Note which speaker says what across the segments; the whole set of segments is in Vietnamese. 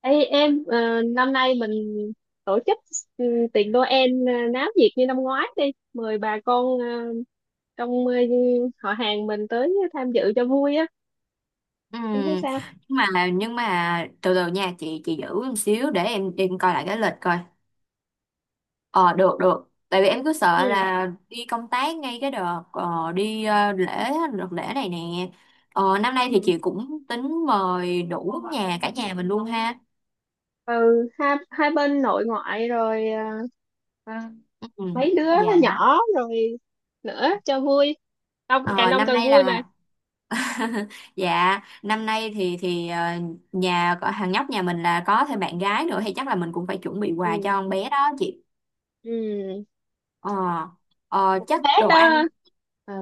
Speaker 1: Ê em, năm nay mình tổ chức, ừ, tiệc Noel náo nhiệt như năm ngoái đi, mời bà con trong, họ hàng mình tới tham dự cho vui á,
Speaker 2: Ừ,
Speaker 1: em thấy sao?
Speaker 2: nhưng mà từ từ nha chị giữ một xíu để em coi lại cái lịch coi. Ờ Được được, tại vì em cứ sợ
Speaker 1: ừ
Speaker 2: là đi công tác ngay cái đợt đi lễ, đợt lễ này nè. Năm nay thì
Speaker 1: ừ
Speaker 2: chị cũng tính mời đủ nhà cả nhà mình luôn ha.
Speaker 1: ừ hai hai bên nội ngoại rồi, ờ,
Speaker 2: Ừ,
Speaker 1: mấy đứa
Speaker 2: dạ.
Speaker 1: nhỏ rồi nữa cho vui. Đông càng
Speaker 2: ờ,
Speaker 1: đông
Speaker 2: năm
Speaker 1: càng
Speaker 2: nay
Speaker 1: vui mà.
Speaker 2: là Dạ, năm nay thì thằng nhóc nhà mình là có thêm bạn gái nữa thì chắc là mình cũng phải chuẩn bị quà cho
Speaker 1: Ừ,
Speaker 2: con bé đó chị.
Speaker 1: ừ,
Speaker 2: ờ Ờ,
Speaker 1: con
Speaker 2: chắc
Speaker 1: bé
Speaker 2: đồ
Speaker 1: đó,
Speaker 2: ăn.
Speaker 1: ờ,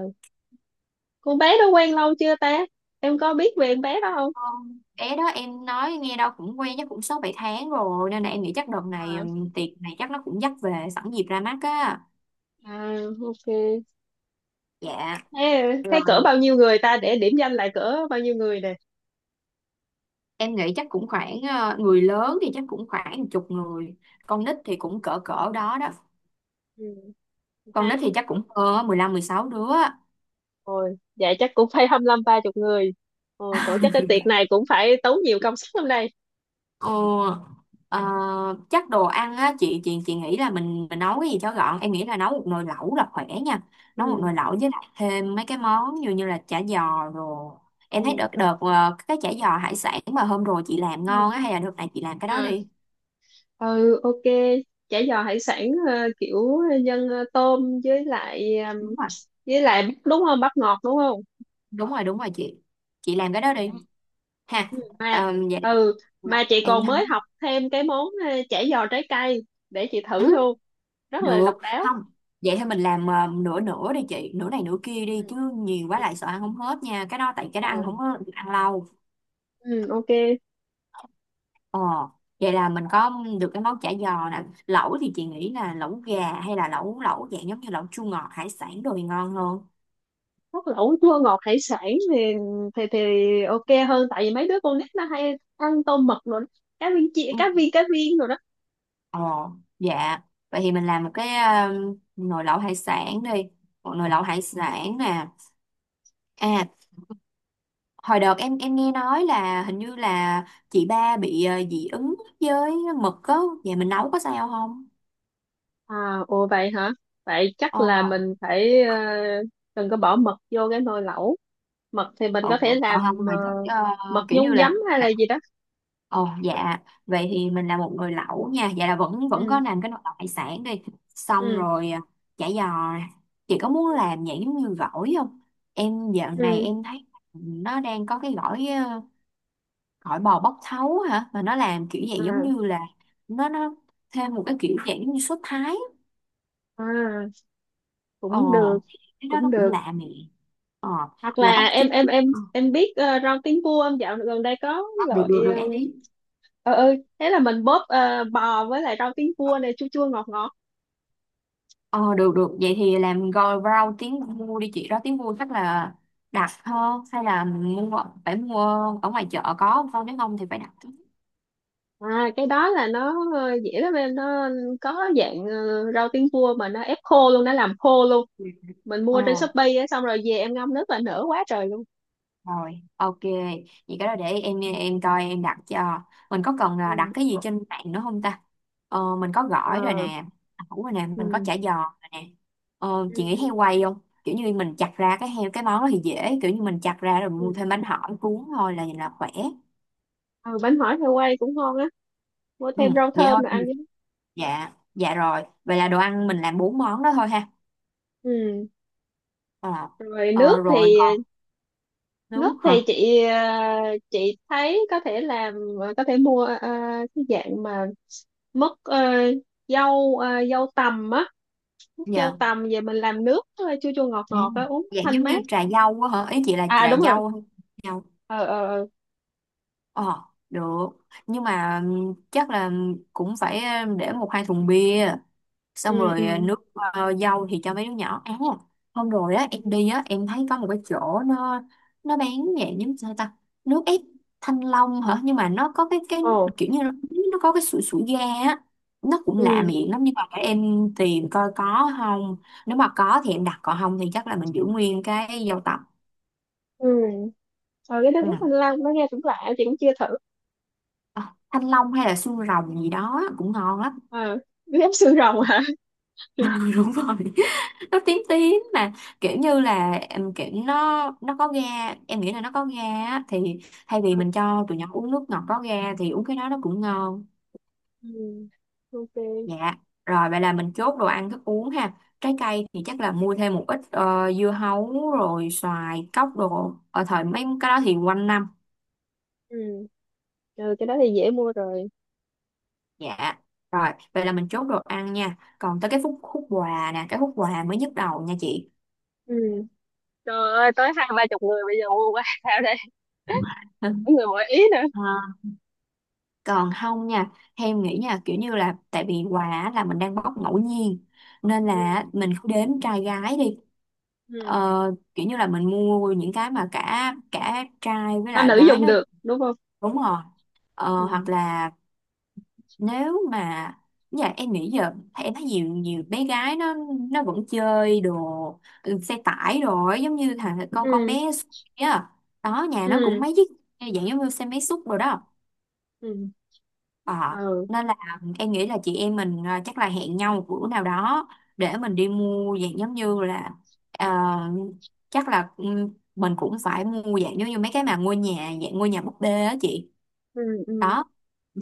Speaker 1: con bé đó quen lâu chưa ta? Em có biết về con bé đó không?
Speaker 2: Con bé đó em nói nghe đâu cũng quen chắc cũng 6 7 tháng rồi, nên là em nghĩ chắc đợt này
Speaker 1: À,
Speaker 2: tiệc này chắc nó cũng dắt về sẵn dịp ra mắt á.
Speaker 1: à, ok.
Speaker 2: Dạ
Speaker 1: Thế, thế cỡ
Speaker 2: rồi,
Speaker 1: bao nhiêu người ta, để điểm danh lại cỡ bao nhiêu người nè?
Speaker 2: em nghĩ chắc cũng người lớn thì chắc cũng khoảng một chục người. Con nít thì cũng cỡ cỡ đó đó.
Speaker 1: Ừ,
Speaker 2: Con
Speaker 1: hai
Speaker 2: nít
Speaker 1: chục
Speaker 2: thì chắc cũng hơn á, 16 đứa.
Speaker 1: người. Vậy chắc cũng phải 25 ba chục người. Ồ, tổ chức cái tiệc này cũng phải tốn nhiều công sức lắm đây.
Speaker 2: Ờ, ờ, Chắc đồ ăn á, chị nghĩ là mình nấu cái gì cho gọn. Em nghĩ là nấu một nồi lẩu là khỏe nha. Nấu một
Speaker 1: Ừ.
Speaker 2: nồi lẩu với lại thêm mấy cái món như như là chả giò rồi. Em thấy
Speaker 1: Ừ.
Speaker 2: đợt đợt cái chả giò hải sản mà hôm rồi chị làm ngon
Speaker 1: Ừ.
Speaker 2: á, hay là đợt này chị làm cái đó
Speaker 1: À.
Speaker 2: đi.
Speaker 1: Ừ, ok. Chả giò hải sản, kiểu nhân, tôm với lại,
Speaker 2: Đúng rồi,
Speaker 1: với lại bắp đúng không? Bắp ngọt đúng không?
Speaker 2: đúng rồi, đúng rồi chị. Chị làm cái đó đi ha.
Speaker 1: Ừ.
Speaker 2: Ờ, vậy
Speaker 1: Ừ,
Speaker 2: là
Speaker 1: mà chị
Speaker 2: em
Speaker 1: còn
Speaker 2: thấy,
Speaker 1: mới học thêm cái món, chả giò trái cây, để chị
Speaker 2: ừ,
Speaker 1: thử luôn. Rất là độc
Speaker 2: được
Speaker 1: đáo.
Speaker 2: không? Vậy thì mình làm nửa nửa đi chị, nửa này nửa kia đi, chứ nhiều quá lại sợ ăn không hết nha. Cái đó tại cái đó ăn
Speaker 1: Ừ.
Speaker 2: không có được ăn lâu.
Speaker 1: Ừ, ok.
Speaker 2: Ờ, vậy là mình có được cái món chả giò nè. Lẩu thì chị nghĩ là lẩu gà hay là lẩu lẩu dạng giống như lẩu chua ngọt hải sản đồ thì ngon hơn.
Speaker 1: Hút lẩu chua ngọt hải sản thì thì ok hơn tại vì mấy đứa con nít nó hay ăn tôm mực rồi đó. Cá viên chị, cá
Speaker 2: Ừ.
Speaker 1: viên cá viên rồi đó.
Speaker 2: Ờ, dạ. Vậy thì mình làm một cái nồi lẩu hải sản đi. Một nồi lẩu hải sản nè. À, hồi đợt em nghe nói là hình như là chị ba bị dị ứng với mực á. Vậy mình nấu có sao không?
Speaker 1: À, ồ vậy hả. Vậy chắc
Speaker 2: Ờ,
Speaker 1: là mình phải, đừng có bỏ mực vô cái nồi lẩu. Mực thì mình
Speaker 2: ừ,
Speaker 1: có thể
Speaker 2: còn
Speaker 1: làm,
Speaker 2: không
Speaker 1: ờ,
Speaker 2: thì chắc
Speaker 1: mực
Speaker 2: kiểu như
Speaker 1: nhúng
Speaker 2: là
Speaker 1: giấm hay là
Speaker 2: à,
Speaker 1: gì đó.
Speaker 2: ồ, dạ. Vậy thì mình là một người lẩu nha. Vậy là vẫn vẫn có
Speaker 1: Ừ,
Speaker 2: làm cái nồi lẩu hải sản đi. Xong
Speaker 1: ừ,
Speaker 2: rồi. À, chả giò nè. Chị có muốn làm dạng giống như gỏi không? Em dạo này
Speaker 1: ừ,
Speaker 2: em thấy, nó đang có cái gỏi gỏi bò bóc thấu hả. Mà nó làm kiểu dạng giống
Speaker 1: à,
Speaker 2: như là, nó thêm một cái kiểu dạng giống như sốt Thái.
Speaker 1: à
Speaker 2: Ồ,
Speaker 1: cũng được,
Speaker 2: cái đó
Speaker 1: cũng
Speaker 2: nó cũng
Speaker 1: được.
Speaker 2: lạ nè. Ờ,
Speaker 1: Hoặc
Speaker 2: là
Speaker 1: là
Speaker 2: bắp chuối.
Speaker 1: em biết, rau tiến vua không? Dạo gần đây có
Speaker 2: Ờ, được
Speaker 1: loại,
Speaker 2: được được em đi.
Speaker 1: ừ, ừ thế là mình bóp, bò với lại rau tiến vua này chua chua ngọt ngọt.
Speaker 2: Ờ, được được, vậy thì làm gói rau tiếng mua đi chị. Đó, tiếng mua chắc là đặt hơn hay là phải mua ở ngoài chợ có không con, nếu không thì phải đặt.
Speaker 1: À cái đó là nó, dễ lắm em, nó có dạng, rau tiến vua mà nó ép khô luôn, nó làm khô luôn.
Speaker 2: Ừ.
Speaker 1: Mình
Speaker 2: ờ
Speaker 1: mua trên Shopee á, xong rồi về em ngâm nước là nở quá trời luôn.
Speaker 2: Rồi, ok, vậy cái đó để em coi em đặt cho. Mình có cần là đặt
Speaker 1: Ừ,
Speaker 2: cái gì trên mạng nữa không ta? Mình có
Speaker 1: ờ,
Speaker 2: gỏi rồi nè. Ẩu rồi nè, mình
Speaker 1: ừ.
Speaker 2: có chả giò rồi nè.
Speaker 1: Ừ.
Speaker 2: Chị nghĩ heo quay không? Kiểu như mình chặt ra cái heo, cái món đó thì dễ, kiểu như mình chặt ra rồi
Speaker 1: Ừ.
Speaker 2: mua thêm bánh hỏi cuốn thôi là khỏe.
Speaker 1: Ừ, bánh hỏi heo quay cũng ngon á, mua
Speaker 2: Ừ,
Speaker 1: thêm rau
Speaker 2: vậy
Speaker 1: thơm
Speaker 2: thôi.
Speaker 1: rồi ăn với.
Speaker 2: Dạ, dạ rồi, vậy là đồ ăn mình làm 4 món đó thôi ha.
Speaker 1: Ừ
Speaker 2: ờ,
Speaker 1: rồi nước
Speaker 2: Rồi
Speaker 1: thì.
Speaker 2: còn nước
Speaker 1: Nước thì
Speaker 2: hả?
Speaker 1: chị, chị thấy có thể làm, có thể mua, cái dạng mà mứt, dâu, dâu tằm á, mứt dâu
Speaker 2: Dạ.
Speaker 1: tằm về mình làm nước, chua chua ngọt
Speaker 2: Ừ.
Speaker 1: ngọt á, uống
Speaker 2: Dạ,
Speaker 1: thanh
Speaker 2: giống
Speaker 1: mát.
Speaker 2: như trà dâu á hả, ý chị là
Speaker 1: À
Speaker 2: trà
Speaker 1: đúng rồi.
Speaker 2: dâu hay dâu.
Speaker 1: Ờ.
Speaker 2: ờ Được, nhưng mà chắc là cũng phải để 1 2 thùng bia. Xong
Speaker 1: Ừ,
Speaker 2: rồi, à,
Speaker 1: ừ.
Speaker 2: nước dâu thì cho mấy đứa nhỏ. À, hôm rồi á em
Speaker 1: Ừ.
Speaker 2: đi á em thấy có một cái chỗ nó bán dạng giống sao ta, nước ép thanh long hả, nhưng mà nó có cái
Speaker 1: Ồ,
Speaker 2: kiểu như nó có cái sủi sủi ga á, nó cũng lạ
Speaker 1: ừ,
Speaker 2: miệng lắm nhưng mà để em tìm coi có không, nếu mà có thì em đặt còn không thì chắc là mình giữ nguyên cái dâu tằm.
Speaker 1: ừ. Ờ cái nước ép thanh
Speaker 2: Ừ.
Speaker 1: long nó nghe cũng lạ, chị cũng chưa thử.
Speaker 2: Ờ, thanh long hay là xương rồng gì đó cũng ngon lắm.
Speaker 1: Ờ nước ép xương rồng hả?
Speaker 2: Đúng rồi, nó tím tím mà, kiểu như là em kiểu nó có ga, em nghĩ là nó có ga á, thì thay vì mình cho tụi nhỏ uống nước ngọt có ga thì uống cái đó nó cũng ngon.
Speaker 1: Ừ. ok.
Speaker 2: Dạ rồi, vậy là mình chốt đồ ăn thức uống ha. Trái cây thì chắc là mua thêm một ít dưa hấu rồi xoài cóc đồ, ở thời mấy cái đó thì quanh năm.
Speaker 1: Ừ, ừ cái đó thì dễ mua rồi.
Speaker 2: Dạ rồi, vậy là mình chốt đồ ăn nha, còn tới cái khúc quà nè, cái khúc quà mới nhức đầu nha chị.
Speaker 1: Ừ trời ơi, tới hai ba chục người bây giờ mua quá sao đây? Mỗi người mỗi ý.
Speaker 2: Ờ, còn không nha, em nghĩ nha, kiểu như là tại vì quà á, là mình đang bóc ngẫu nhiên nên
Speaker 1: Ừ,
Speaker 2: là mình cứ đếm trai gái đi.
Speaker 1: ừ.
Speaker 2: ờ, Kiểu như là mình mua những cái mà cả cả trai với
Speaker 1: Nam
Speaker 2: lại
Speaker 1: nữ
Speaker 2: gái
Speaker 1: dùng
Speaker 2: nó
Speaker 1: được đúng không?
Speaker 2: đúng rồi. Ờ,
Speaker 1: Ừ
Speaker 2: hoặc là nếu mà Dạ em nghĩ giờ em thấy nhiều nhiều bé gái nó vẫn chơi đồ, ừ, xe tải đồ ấy, giống như thằng con
Speaker 1: ừ
Speaker 2: bé á, đó nhà nó
Speaker 1: ừ
Speaker 2: cũng mấy chiếc dạng giống như xe máy xúc rồi đó.
Speaker 1: ừ
Speaker 2: Ờ,
Speaker 1: ừ
Speaker 2: nên là em nghĩ là chị em mình chắc là hẹn nhau một bữa nào đó để mình đi mua dạng giống như là, ờ, chắc là mình cũng phải mua dạng giống như mấy cái mà ngôi nhà dạng ngôi nhà búp bê á chị.
Speaker 1: ừ ừ
Speaker 2: Đó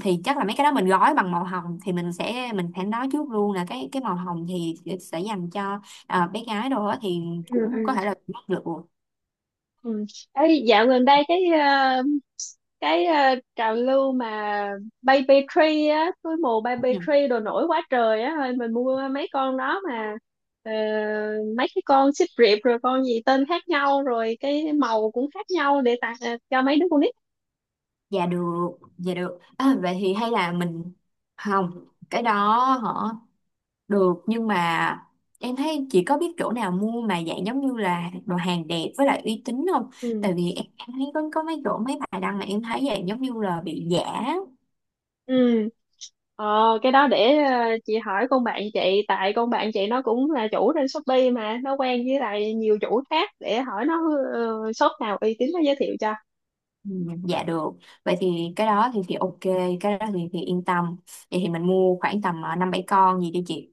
Speaker 2: thì chắc là mấy cái đó mình gói bằng màu hồng, thì mình phải nói trước luôn là cái màu hồng thì sẽ dành cho bé gái đồ á, thì
Speaker 1: ừ
Speaker 2: cũng có
Speaker 1: ừ
Speaker 2: thể là bắt được.
Speaker 1: ừ. Ấy, dạo gần đây cái, cái, trào lưu mà baby tree á, túi mù baby
Speaker 2: Ừ.
Speaker 1: tree đồ nổi quá trời á, thôi mình mua mấy con đó mà. Ờ, mấy cái con xích riệp rồi con gì tên khác nhau rồi cái màu cũng khác nhau để tặng, cho mấy đứa con nít.
Speaker 2: Dạ được, dạ được, vậy thì hay là mình không cái đó hả? Được, nhưng mà em thấy chị có biết chỗ nào mua mà dạng giống như là đồ hàng đẹp với lại uy tín không?
Speaker 1: Ừ,
Speaker 2: Tại vì em thấy có mấy chỗ, mấy bài đăng mà em thấy dạng giống như là bị giả.
Speaker 1: ừ. Ờ, cái đó để, chị hỏi con bạn chị, tại con bạn chị nó cũng là chủ trên Shopee mà nó quen với lại nhiều chủ khác, để hỏi nó, shop nào uy tín nó giới thiệu cho.
Speaker 2: Ừ, giả được, vậy thì cái đó thì ok, cái đó thì yên tâm. Vậy thì mình mua khoảng tầm 5 7 con gì đi chị,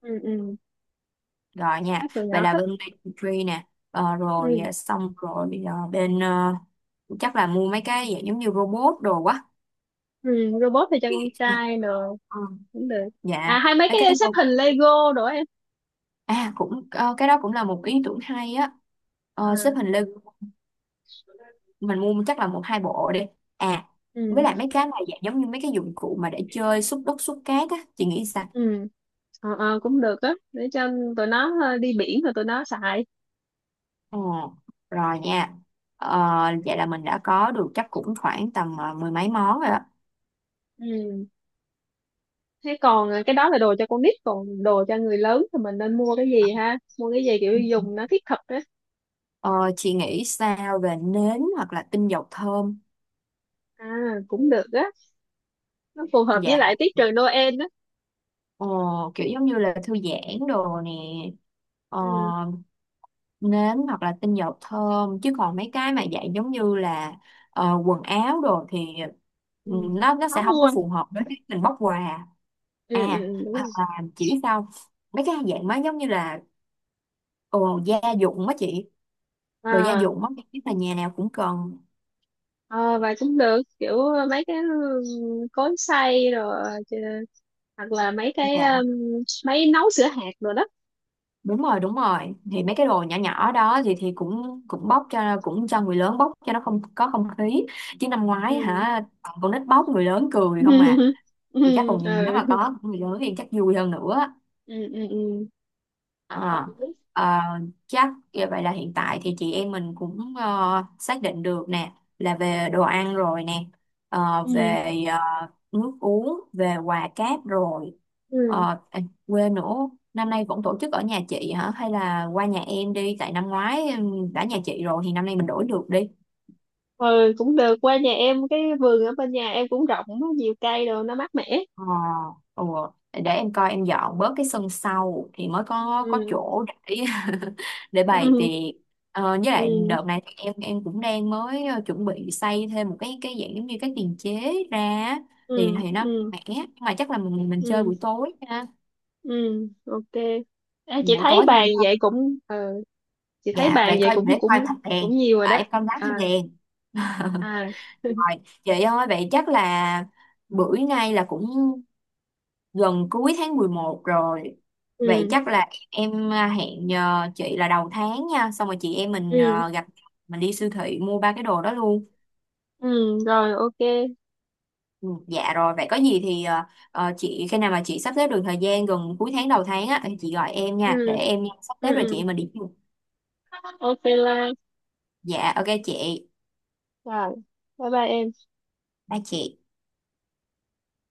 Speaker 1: Ừ, ừ
Speaker 2: rồi nha.
Speaker 1: chắc tụi
Speaker 2: Vậy
Speaker 1: nhỏ
Speaker 2: là
Speaker 1: thích.
Speaker 2: bên Baby Tree nè. Ờ, Rồi,
Speaker 1: Ừ,
Speaker 2: xong rồi, chắc là mua mấy cái dạng giống như robot đồ quá.
Speaker 1: ừ robot thì cho con trai được,
Speaker 2: Ừ,
Speaker 1: cũng được. À
Speaker 2: dạ
Speaker 1: hay mấy
Speaker 2: mấy
Speaker 1: cái
Speaker 2: cái.
Speaker 1: xếp hình Lego đồ em.
Speaker 2: À, cũng cái đó cũng là một ý tưởng hay á. Ờ, xếp
Speaker 1: À,
Speaker 2: hình Lego mình mua chắc là 1 2 bộ đi. À, với
Speaker 1: ừ,
Speaker 2: lại mấy cái này dạng giống như mấy cái dụng cụ mà để chơi xúc đất xúc cát á, chị nghĩ sao?
Speaker 1: ừ, ờ, ờ, cũng được á, để cho tụi nó, đi biển rồi tụi nó xài.
Speaker 2: Ờ, rồi nha. Ờ, vậy là mình đã có được chắc cũng khoảng tầm mười mấy món rồi á.
Speaker 1: Ừ thế còn, cái đó là đồ cho con nít, còn đồ cho người lớn thì mình nên mua cái gì ha, mua cái gì kiểu dùng nó thiết thực á.
Speaker 2: Ờ, chị nghĩ sao về nến hoặc là tinh dầu thơm?
Speaker 1: À cũng được á, nó phù hợp với
Speaker 2: Dạ,
Speaker 1: lại tiết trời Noel á.
Speaker 2: ờ, kiểu giống như là thư giãn đồ nè. Ờ,
Speaker 1: Ừ,
Speaker 2: nến hoặc là tinh dầu thơm, chứ còn mấy cái mà dạng giống như là quần áo đồ thì,
Speaker 1: ừ.
Speaker 2: ừ, nó
Speaker 1: Khó
Speaker 2: sẽ không có
Speaker 1: mua.
Speaker 2: phù hợp với cái mình bóc quà.
Speaker 1: Ừ, ừ,
Speaker 2: À,
Speaker 1: ừ, đúng
Speaker 2: hoặc
Speaker 1: rồi.
Speaker 2: là chị biết sao không? Mấy cái dạng má giống như là gia dụng á chị, đồ gia
Speaker 1: À,
Speaker 2: dụng á, biết là nhà nào cũng cần.
Speaker 1: ờ, và cũng được kiểu mấy cái, ừ, cối xay rồi chứ, hoặc là mấy cái,
Speaker 2: Dạ,
Speaker 1: máy nấu sữa hạt rồi đó.
Speaker 2: đúng rồi, đúng rồi, thì mấy cái đồ nhỏ nhỏ đó thì cũng cũng bóc cho cũng cho người lớn bóc cho nó không có không khí, chứ năm ngoái
Speaker 1: Ừ.
Speaker 2: hả còn con nít bóc, người lớn cười không à.
Speaker 1: ừ,
Speaker 2: Thì chắc
Speaker 1: ừ,
Speaker 2: còn nếu mà
Speaker 1: ừ,
Speaker 2: có của người lớn thì chắc vui hơn nữa.
Speaker 1: ừ,
Speaker 2: à,
Speaker 1: ừ,
Speaker 2: ờ, Chắc như vậy là hiện tại thì chị em mình cũng xác định được nè, là về đồ ăn rồi nè,
Speaker 1: ừ,
Speaker 2: về ờ, nước uống, về quà cáp rồi.
Speaker 1: ừ,
Speaker 2: À, quên nữa, năm nay vẫn tổ chức ở nhà chị hả hay là qua nhà em đi, tại năm ngoái đã nhà chị rồi thì năm nay mình đổi được đi.
Speaker 1: ừ cũng được, qua nhà em cái vườn ở bên nhà em cũng rộng á, nhiều cây đồ nó mát mẻ.
Speaker 2: Ờ, ủa, để em coi em dọn bớt cái sân sau thì mới có
Speaker 1: Ừ.
Speaker 2: chỗ để để bày
Speaker 1: ừ,
Speaker 2: tiệc. Với lại
Speaker 1: ừ,
Speaker 2: đợt này thì em cũng đang mới chuẩn bị xây thêm một cái dạng giống như cái tiền chế ra á. thì
Speaker 1: ừ,
Speaker 2: thì nó
Speaker 1: ừ,
Speaker 2: mẻ, nhưng mà chắc là mình chơi
Speaker 1: ừ,
Speaker 2: buổi tối ha.
Speaker 1: ừ ok. À, chị
Speaker 2: Buổi
Speaker 1: thấy
Speaker 2: tối thì
Speaker 1: bàn
Speaker 2: không sao.
Speaker 1: vậy cũng, chị thấy
Speaker 2: Dạ
Speaker 1: bàn
Speaker 2: vậy
Speaker 1: vậy
Speaker 2: coi,
Speaker 1: cũng
Speaker 2: để
Speaker 1: cũng
Speaker 2: coi thắp đèn,
Speaker 1: cũng nhiều rồi
Speaker 2: à,
Speaker 1: đó.
Speaker 2: em coi đám thêm
Speaker 1: À,
Speaker 2: đèn.
Speaker 1: à,
Speaker 2: Rồi vậy thôi, vậy chắc là bữa nay là cũng gần cuối tháng 11 rồi. Vậy
Speaker 1: ừ,
Speaker 2: chắc là em hẹn chị là đầu tháng nha, xong rồi chị em mình
Speaker 1: ừ,
Speaker 2: gặp, mình đi siêu thị mua ba cái đồ đó luôn.
Speaker 1: ừ rồi ok.
Speaker 2: Ừ, dạ rồi vậy có gì thì chị khi nào mà chị sắp xếp được thời gian gần cuối tháng đầu tháng á thì chị gọi em nha để
Speaker 1: Ừ,
Speaker 2: em sắp
Speaker 1: ừ,
Speaker 2: xếp, rồi chị
Speaker 1: ừ
Speaker 2: em mình đi chung.
Speaker 1: ok Lan.
Speaker 2: Dạ ok chị.
Speaker 1: Rồi bye bye em.
Speaker 2: Ba chị.